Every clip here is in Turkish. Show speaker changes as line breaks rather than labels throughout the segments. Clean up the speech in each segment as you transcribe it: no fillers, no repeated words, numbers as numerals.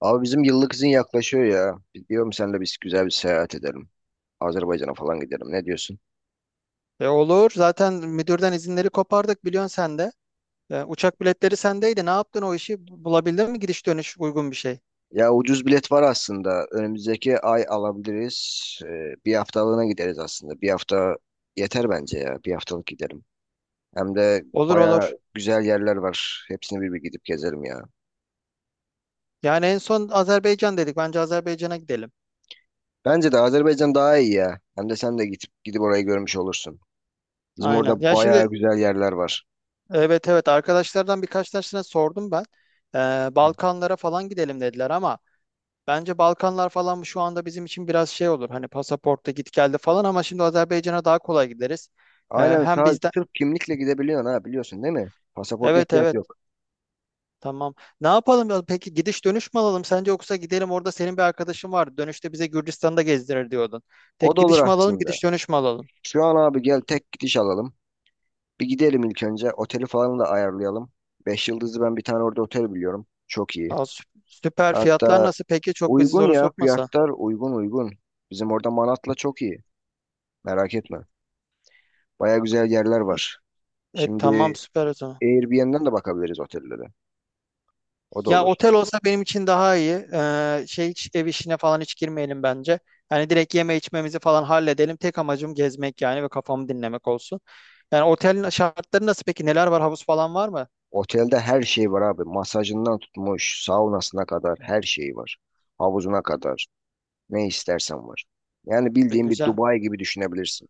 Abi bizim yıllık izin yaklaşıyor ya. Diyorum senle biz güzel bir seyahat edelim. Azerbaycan'a falan gidelim. Ne diyorsun?
E olur. Zaten müdürden izinleri kopardık biliyorsun sen de. E, uçak biletleri sendeydi. Ne yaptın o işi? Bulabildin mi gidiş dönüş uygun bir şey?
Ya ucuz bilet var aslında. Önümüzdeki ay alabiliriz. Bir haftalığına gideriz aslında. Bir hafta yeter bence ya. Bir haftalık gidelim. Hem de
Olur,
baya
olur.
güzel yerler var. Hepsini bir bir gidip gezelim ya.
Yani en son Azerbaycan dedik. Bence Azerbaycan'a gidelim.
Bence de Azerbaycan daha iyi ya. Hem de sen de gidip gidip orayı görmüş olursun. Bizim
Aynen.
orada
Ya
baya
şimdi,
güzel yerler var.
evet, evet, arkadaşlardan birkaç tanesine sordum ben. E, Balkanlara falan gidelim dediler ama bence Balkanlar falan şu anda bizim için biraz şey olur. Hani pasaportta git geldi falan ama şimdi Azerbaycan'a daha kolay gideriz. E,
Aynen,
hem
sadece
bizden.
Türk kimlikle gidebiliyorsun ha, biliyorsun değil mi? Pasaporta
Evet,
ihtiyaç
evet.
yok.
Tamam. Ne yapalım ya? Peki gidiş dönüş mü alalım sence yoksa gidelim orada senin bir arkadaşın var. Dönüşte bize Gürcistan'da gezdirir diyordun.
O
Tek
da olur
gidiş mi alalım,
aslında.
gidiş dönüş mü alalım?
Şu an abi gel tek gidiş alalım. Bir gidelim ilk önce. Oteli falan da ayarlayalım. 5 yıldızlı ben bir tane orada otel biliyorum. Çok iyi.
Aa, süper. Fiyatlar
Hatta
nasıl? Peki çok bizi
uygun
zora
ya,
sokmasa.
fiyatlar uygun uygun. Bizim orada Manat'la çok iyi. Merak etme. Baya güzel yerler var.
E tamam
Şimdi
süper o zaman.
Airbnb'den de bakabiliriz otellere. O da
Ya
olur.
otel olsa benim için daha iyi. Şey hiç ev işine falan hiç girmeyelim bence. Hani direkt yeme içmemizi falan halledelim. Tek amacım gezmek yani ve kafamı dinlemek olsun. Yani otelin şartları nasıl peki? Neler var? Havuz falan var mı?
Otelde her şey var abi. Masajından tutmuş, saunasına kadar her şey var. Havuzuna kadar. Ne istersen var. Yani
E,
bildiğin bir
güzel.
Dubai gibi düşünebilirsin.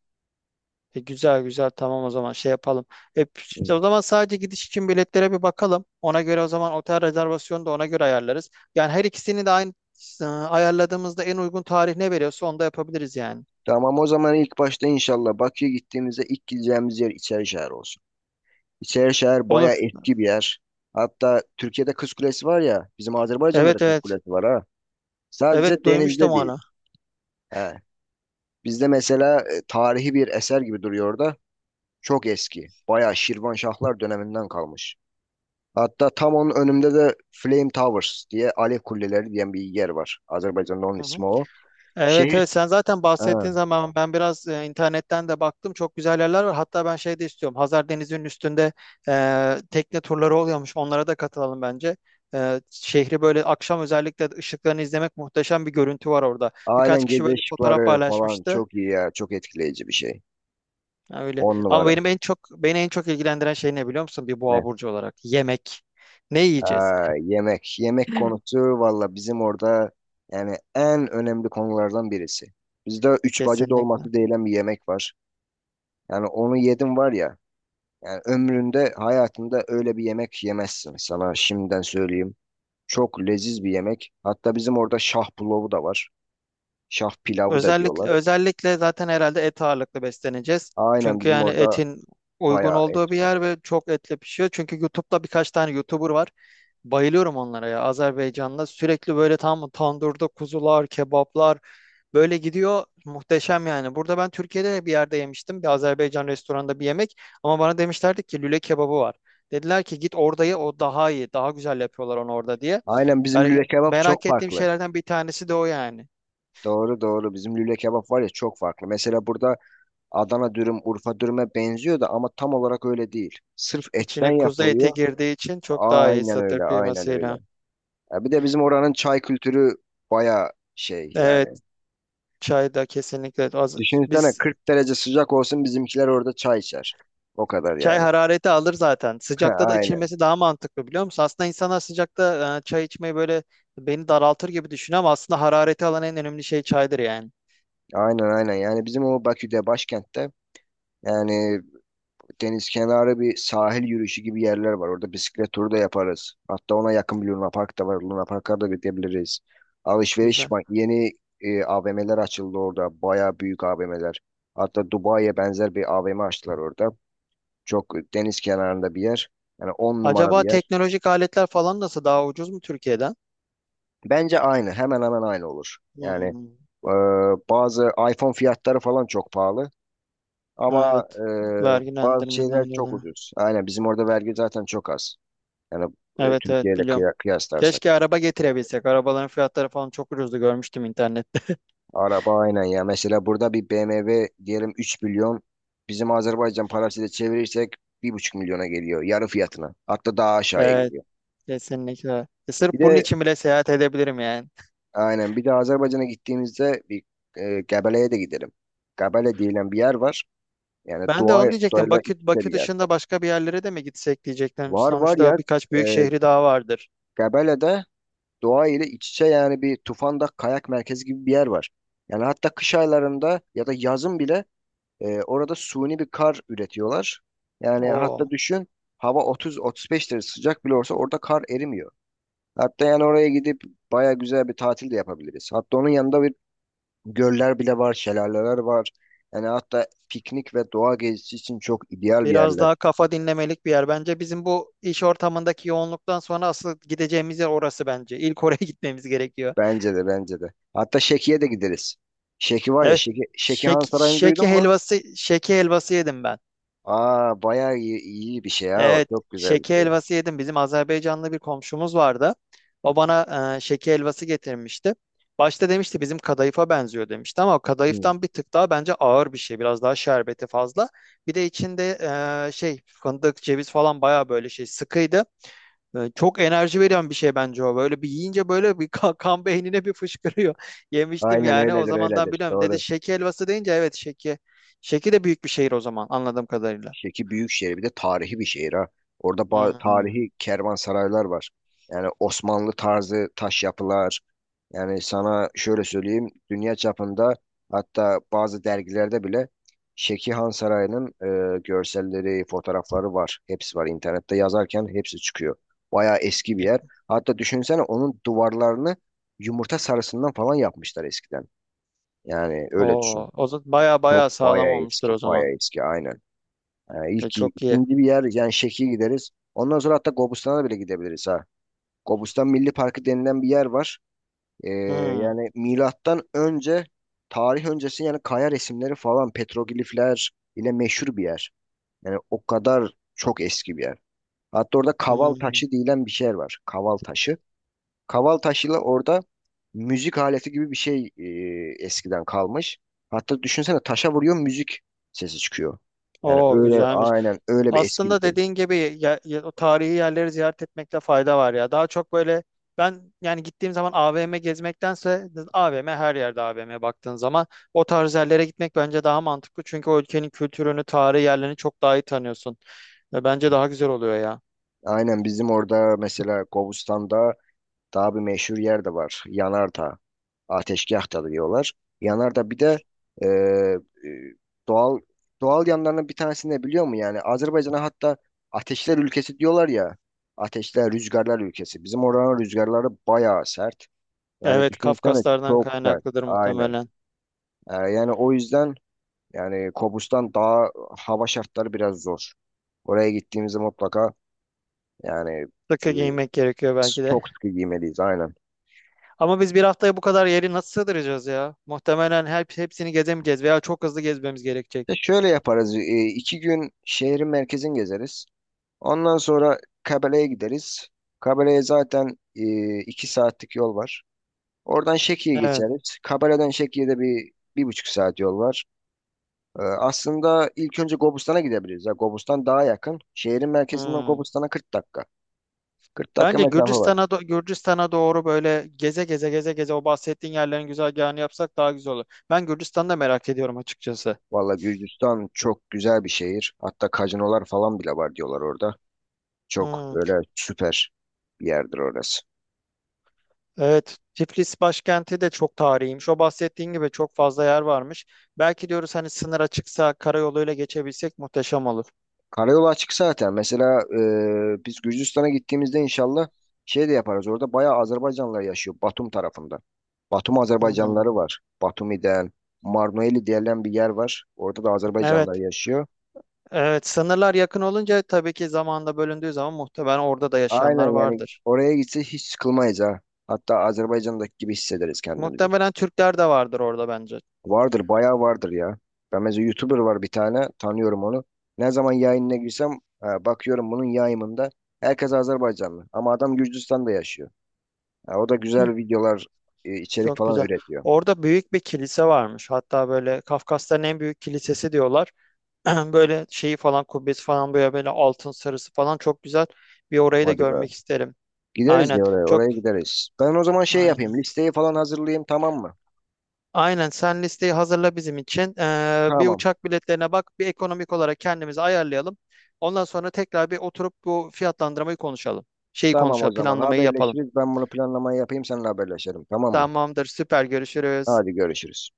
E, güzel, güzel, tamam o zaman şey yapalım. E, işte o zaman sadece gidiş için biletlere bir bakalım. Ona göre o zaman otel rezervasyonu da ona göre ayarlarız. Yani her ikisini de aynı ayarladığımızda en uygun tarih ne veriyorsa onu da yapabiliriz yani.
Tamam, o zaman ilk başta inşallah Bakü'ye gittiğimizde ilk gideceğimiz yer İçerişehir olsun. İçerişehir
Olur.
bayağı eski bir yer. Hatta Türkiye'de Kız Kulesi var ya, bizim Azerbaycan'da da
Evet,
Kız
evet.
Kulesi var ha.
Evet,
Sadece
duymuştum
denizde
onu.
değil. He. Bizde mesela tarihi bir eser gibi duruyor orada. Çok eski. Bayağı Şirvanşahlar döneminden kalmış. Hatta tam onun önümde de Flame Towers diye Alev Kuleleri diyen bir yer var. Azerbaycan'da onun
Hı hı.
ismi o.
Evet, evet,
Şehir.
sen zaten
He.
bahsettiğin zaman ben biraz internetten de baktım, çok güzel yerler var. Hatta ben şey de istiyorum, Hazar Denizi'nin üstünde tekne turları oluyormuş, onlara da katılalım bence. E, şehri böyle akşam özellikle ışıklarını izlemek, muhteşem bir görüntü var orada. Birkaç
Aynen,
kişi
gece
böyle fotoğraf
ışıkları falan
paylaşmıştı.
çok iyi ya. Çok etkileyici bir şey.
Ha, öyle.
On
Ama
numara.
beni en çok ilgilendiren şey ne biliyor musun bir boğa
Ne?
burcu olarak? Yemek. Ne yiyeceğiz?
Aa, yemek. Yemek konusu valla bizim orada yani en önemli konulardan birisi. Bizde üç bacı
Kesinlikle.
dolması denilen bir yemek var. Yani onu yedim var ya. Yani ömründe hayatında öyle bir yemek yemezsin. Sana şimdiden söyleyeyim. Çok leziz bir yemek. Hatta bizim orada şah pulavı da var. Şah pilavı da
Özellikle,
diyorlar.
özellikle zaten herhalde et ağırlıklı besleneceğiz.
Aynen,
Çünkü
bizim
yani
orada
etin uygun
bayağı et
olduğu bir
var.
yer ve çok etle pişiyor. Çünkü YouTube'da birkaç tane YouTuber var. Bayılıyorum onlara ya, Azerbaycan'da. Sürekli böyle tam tandırda kuzular, kebaplar böyle gidiyor. Muhteşem yani. Burada ben Türkiye'de bir yerde yemiştim, bir Azerbaycan restoranında, bir yemek. Ama bana demişlerdi ki lüle kebabı var. Dediler ki git orada, o daha iyi. Daha güzel yapıyorlar onu orada diye.
Aynen, bizim
Yani
lüle kebap
merak
çok
ettiğim
farklı.
şeylerden bir tanesi de o yani.
Doğru doğru. Bizim lüle kebap var ya, çok farklı. Mesela burada Adana dürüm, Urfa dürüme benziyor da ama tam olarak öyle değil. Sırf etten
İçine kuzu eti
yapılıyor.
girdiği için çok daha iyi,
Aynen
satır
öyle, aynen öyle.
kıymasıyla.
Ya bir de bizim oranın çay kültürü baya şey yani.
Evet, çay da kesinlikle az.
Düşünsene
Biz
40 derece sıcak olsun bizimkiler orada çay içer. O kadar
çay
yani.
harareti alır zaten. Sıcakta da
Aynen.
içilmesi daha mantıklı biliyor musun? Aslında insanlar sıcakta çay içmeyi böyle beni daraltır gibi düşünüyor ama aslında harareti alan en önemli şey çaydır yani.
Aynen aynen. Yani bizim o Bakü'de başkentte yani deniz kenarı bir sahil yürüyüşü gibi yerler var. Orada bisiklet turu da yaparız. Hatta ona yakın bir Luna Park da var. Luna Park'a da gidebiliriz. Alışveriş
Güzel.
ma- yeni AVM'ler açıldı orada. Baya büyük AVM'ler. Hatta Dubai'ye benzer bir AVM açtılar orada. Çok deniz kenarında bir yer. Yani on numara bir
Acaba
yer.
teknolojik aletler falan nasıl, daha ucuz mu Türkiye'den?
Bence aynı. Hemen hemen aynı olur. Yani
Hmm.
e, bazı iPhone fiyatları falan çok pahalı.
Ha,
Ama
evet.
bazı şeyler
Vergilendirmeden
çok
dolayı.
ucuz. Aynen, bizim orada vergi zaten çok az. Yani
Evet,
Türkiye
evet,
ile
biliyorum.
kıyaslarsak.
Keşke araba getirebilsek. Arabaların fiyatları falan çok ucuzdu, görmüştüm internette.
Araba aynen ya. Mesela burada bir BMW diyelim 3 milyon. Bizim Azerbaycan parasıyla çevirirsek 1,5 milyona geliyor. Yarı fiyatına. Hatta daha aşağıya
Ee,
geliyor.
kesinlikle. E,
Bir
sırf bunun
de
için bile seyahat edebilirim yani.
aynen, bir de Azerbaycan'a gittiğimizde bir Gebele'ye de gidelim. Gebele denilen bir yer var. Yani
Ben de
doğa,
onu diyecektim.
doğayla iç
Bakü,
içe
Bakü
bir yer.
dışında başka bir yerlere de mi gitsek diyecektim.
Var var ya,
Sonuçta birkaç büyük
e,
şehri daha vardır.
Gebele'de doğa ile iç içe yani bir Tufan'da kayak merkezi gibi bir yer var. Yani hatta kış aylarında ya da yazın bile orada suni bir kar üretiyorlar. Yani hatta
Oo,
düşün, hava 30-35 derece sıcak bile olsa orada kar erimiyor. Hatta yani oraya gidip baya güzel bir tatil de yapabiliriz. Hatta onun yanında bir göller bile var, şelaleler var. Yani hatta piknik ve doğa gezisi için çok ideal bir
biraz
yerler.
daha kafa dinlemelik bir yer. Bence bizim bu iş ortamındaki yoğunluktan sonra asıl gideceğimiz yer orası bence. İlk oraya gitmemiz gerekiyor.
Bence de bence de. Hatta Şeki'ye de gideriz. Şeki var ya,
Evet.
Şeki, Şeki
Şek,
Han Sarayı'nı duydun
şeki
mu?
helvası, şeki helvası yedim ben.
Aa, bayağı iyi, iyi bir şey ya o.
Evet,
Çok güzel bir
şeke
şey.
helvası yedim. Bizim Azerbaycanlı bir komşumuz vardı. O bana şeke helvası getirmişti. Başta demişti bizim kadayıfa benziyor demişti ama o
Hı.
kadayıftan bir tık daha bence ağır bir şey. Biraz daha şerbeti fazla. Bir de içinde şey fındık, ceviz falan bayağı böyle şey sıkıydı. E, çok enerji veren bir şey bence o. Böyle bir yiyince böyle bir kan beynine bir fışkırıyor. Yemiştim
Aynen
yani, o
öyledir
zamandan
öyledir.
biliyorum. Dedi
Doğru.
şeke helvası deyince, evet, şeke. Şeki de büyük bir şehir o zaman, anladığım kadarıyla.
Şeki büyük şehir, bir de tarihi bir şehir ha. Orada
Hmm.
tarihi kervansaraylar var. Yani Osmanlı tarzı taş yapılar. Yani sana şöyle söyleyeyim, dünya çapında hatta bazı dergilerde bile Şeki Han Sarayı'nın görselleri, fotoğrafları var. Hepsi var, internette yazarken hepsi çıkıyor. Bayağı eski bir yer. Hatta düşünsene onun duvarlarını yumurta sarısından falan yapmışlar eskiden. Yani öyle
Oo,
düşün.
o zaman baya
Çok
baya sağlam
bayağı
olmuştur
eski,
o zaman.
bayağı eski aynen.
E,
İlk,
çok iyi.
ikinci bir yer yani Şeki'ye gideriz. Ondan sonra hatta Gobustan'a da bile gidebiliriz ha. Gobustan Milli Parkı denilen bir yer var. Ee,
Hmm,
yani milattan önce tarih öncesi yani kaya resimleri falan petroglifler ile meşhur bir yer. Yani o kadar çok eski bir yer. Hatta orada kaval
hmm.
taşı denilen bir şey var. Kaval taşı. Kaval taşıyla orada müzik aleti gibi bir şey eskiden kalmış. Hatta düşünsene taşa vuruyor müzik sesi çıkıyor. Yani
Oo,
öyle,
güzelmiş.
aynen öyle bir eski bir
Aslında
şey.
dediğin gibi o tarihi yerleri ziyaret etmekte fayda var ya. Daha çok böyle ben yani gittiğim zaman AVM gezmektense, AVM her yerde, AVM baktığın zaman o tarz yerlere gitmek bence daha mantıklı. Çünkü o ülkenin kültürünü, tarihi yerlerini çok daha iyi tanıyorsun. Ve bence daha güzel oluyor ya.
Aynen, bizim orada mesela Kobustan'da daha bir meşhur yer de var. Yanardağ. Ateşgah da diyorlar. Yanardağ bir de e, e, doğal doğal yanlarının bir tanesini de biliyor mu? Yani Azerbaycan'a hatta ateşler ülkesi diyorlar ya. Ateşler, rüzgarlar ülkesi. Bizim oranın rüzgarları bayağı sert. Yani
Evet,
düşünsene
Kafkaslardan
çok sert.
kaynaklıdır
Aynen.
muhtemelen.
Yani o yüzden yani Kobustan daha hava şartları biraz zor. Oraya gittiğimizde mutlaka yani
Sıkı
e,
giymek gerekiyor belki de.
çok sıkı giymeliyiz aynen.
Ama biz bir haftaya bu kadar yeri nasıl sığdıracağız ya? Muhtemelen her hepsini gezemeyeceğiz veya çok hızlı gezmemiz gerekecek.
E şöyle yaparız. E, 2 gün şehrin merkezini gezeriz. Ondan sonra Kabele'ye gideriz. Kabele'ye zaten 2 saatlik yol var. Oradan Şeki'ye
Evet.
geçeriz. Kabele'den Şeki'ye de bir, 1,5 saat yol var. Aslında ilk önce Gobustan'a gidebiliriz. Ya, Gobustan daha yakın. Şehrin merkezinden
Hmm.
Gobustan'a 40 dakika. 40 dakika
Bence
mesafe var.
Gürcistan'a doğru böyle geze geze geze geze o bahsettiğin yerlerin güzergahını yapsak daha güzel olur. Ben Gürcistan'da merak ediyorum açıkçası.
Valla Gürcistan çok güzel bir şehir. Hatta kazinolar falan bile var diyorlar orada. Çok
Hmm.
böyle süper bir yerdir orası.
Evet, Tiflis başkenti de çok tarihiymiş. O bahsettiğin gibi çok fazla yer varmış. Belki diyoruz, hani sınır açıksa karayoluyla geçebilsek muhteşem olur.
Karayolu açık zaten. Mesela biz Gürcistan'a gittiğimizde inşallah şey de yaparız. Orada bayağı Azerbaycanlılar yaşıyor Batum tarafında. Batum
Hı hı.
Azerbaycanlıları var. Batumi'den, Marnoeli denilen bir yer var. Orada da Azerbaycanlılar
Evet.
yaşıyor.
Evet, sınırlar yakın olunca tabii ki zamanla bölündüğü zaman muhtemelen orada da
Aynen,
yaşayanlar
yani
vardır.
oraya gitse hiç sıkılmayız ha. Hatta Azerbaycan'daki gibi hissederiz kendimizi.
Muhtemelen Türkler de vardır orada bence.
Vardır, bayağı vardır ya. Ben mesela YouTuber var bir tane, tanıyorum onu. Ne zaman yayınına girsem bakıyorum bunun yayımında herkes Azerbaycanlı. Ama adam Gürcistan'da yaşıyor. Ya o da
Hı,
güzel videolar, içerik
çok
falan
güzel.
üretiyor.
Orada büyük bir kilise varmış. Hatta böyle Kafkasların en büyük kilisesi diyorlar. Böyle şeyi falan, kubbesi falan böyle, böyle altın sarısı falan, çok güzel. Bir orayı da
Hadi be.
görmek isterim.
Gideriz
Aynen.
ya, oraya,
Çok
oraya gideriz. Ben o zaman şey
aynen.
yapayım, listeyi falan hazırlayayım, tamam mı?
Aynen, sen listeyi hazırla bizim için. Bir
Tamam.
uçak biletlerine bak, bir ekonomik olarak kendimizi ayarlayalım. Ondan sonra tekrar bir oturup bu fiyatlandırmayı konuşalım. Şeyi
Tamam, o
konuşalım,
zaman
planlamayı yapalım.
haberleşiriz. Ben bunu planlamayı yapayım, seninle haberleşelim, tamam mı?
Tamamdır, süper, görüşürüz.
Hadi görüşürüz.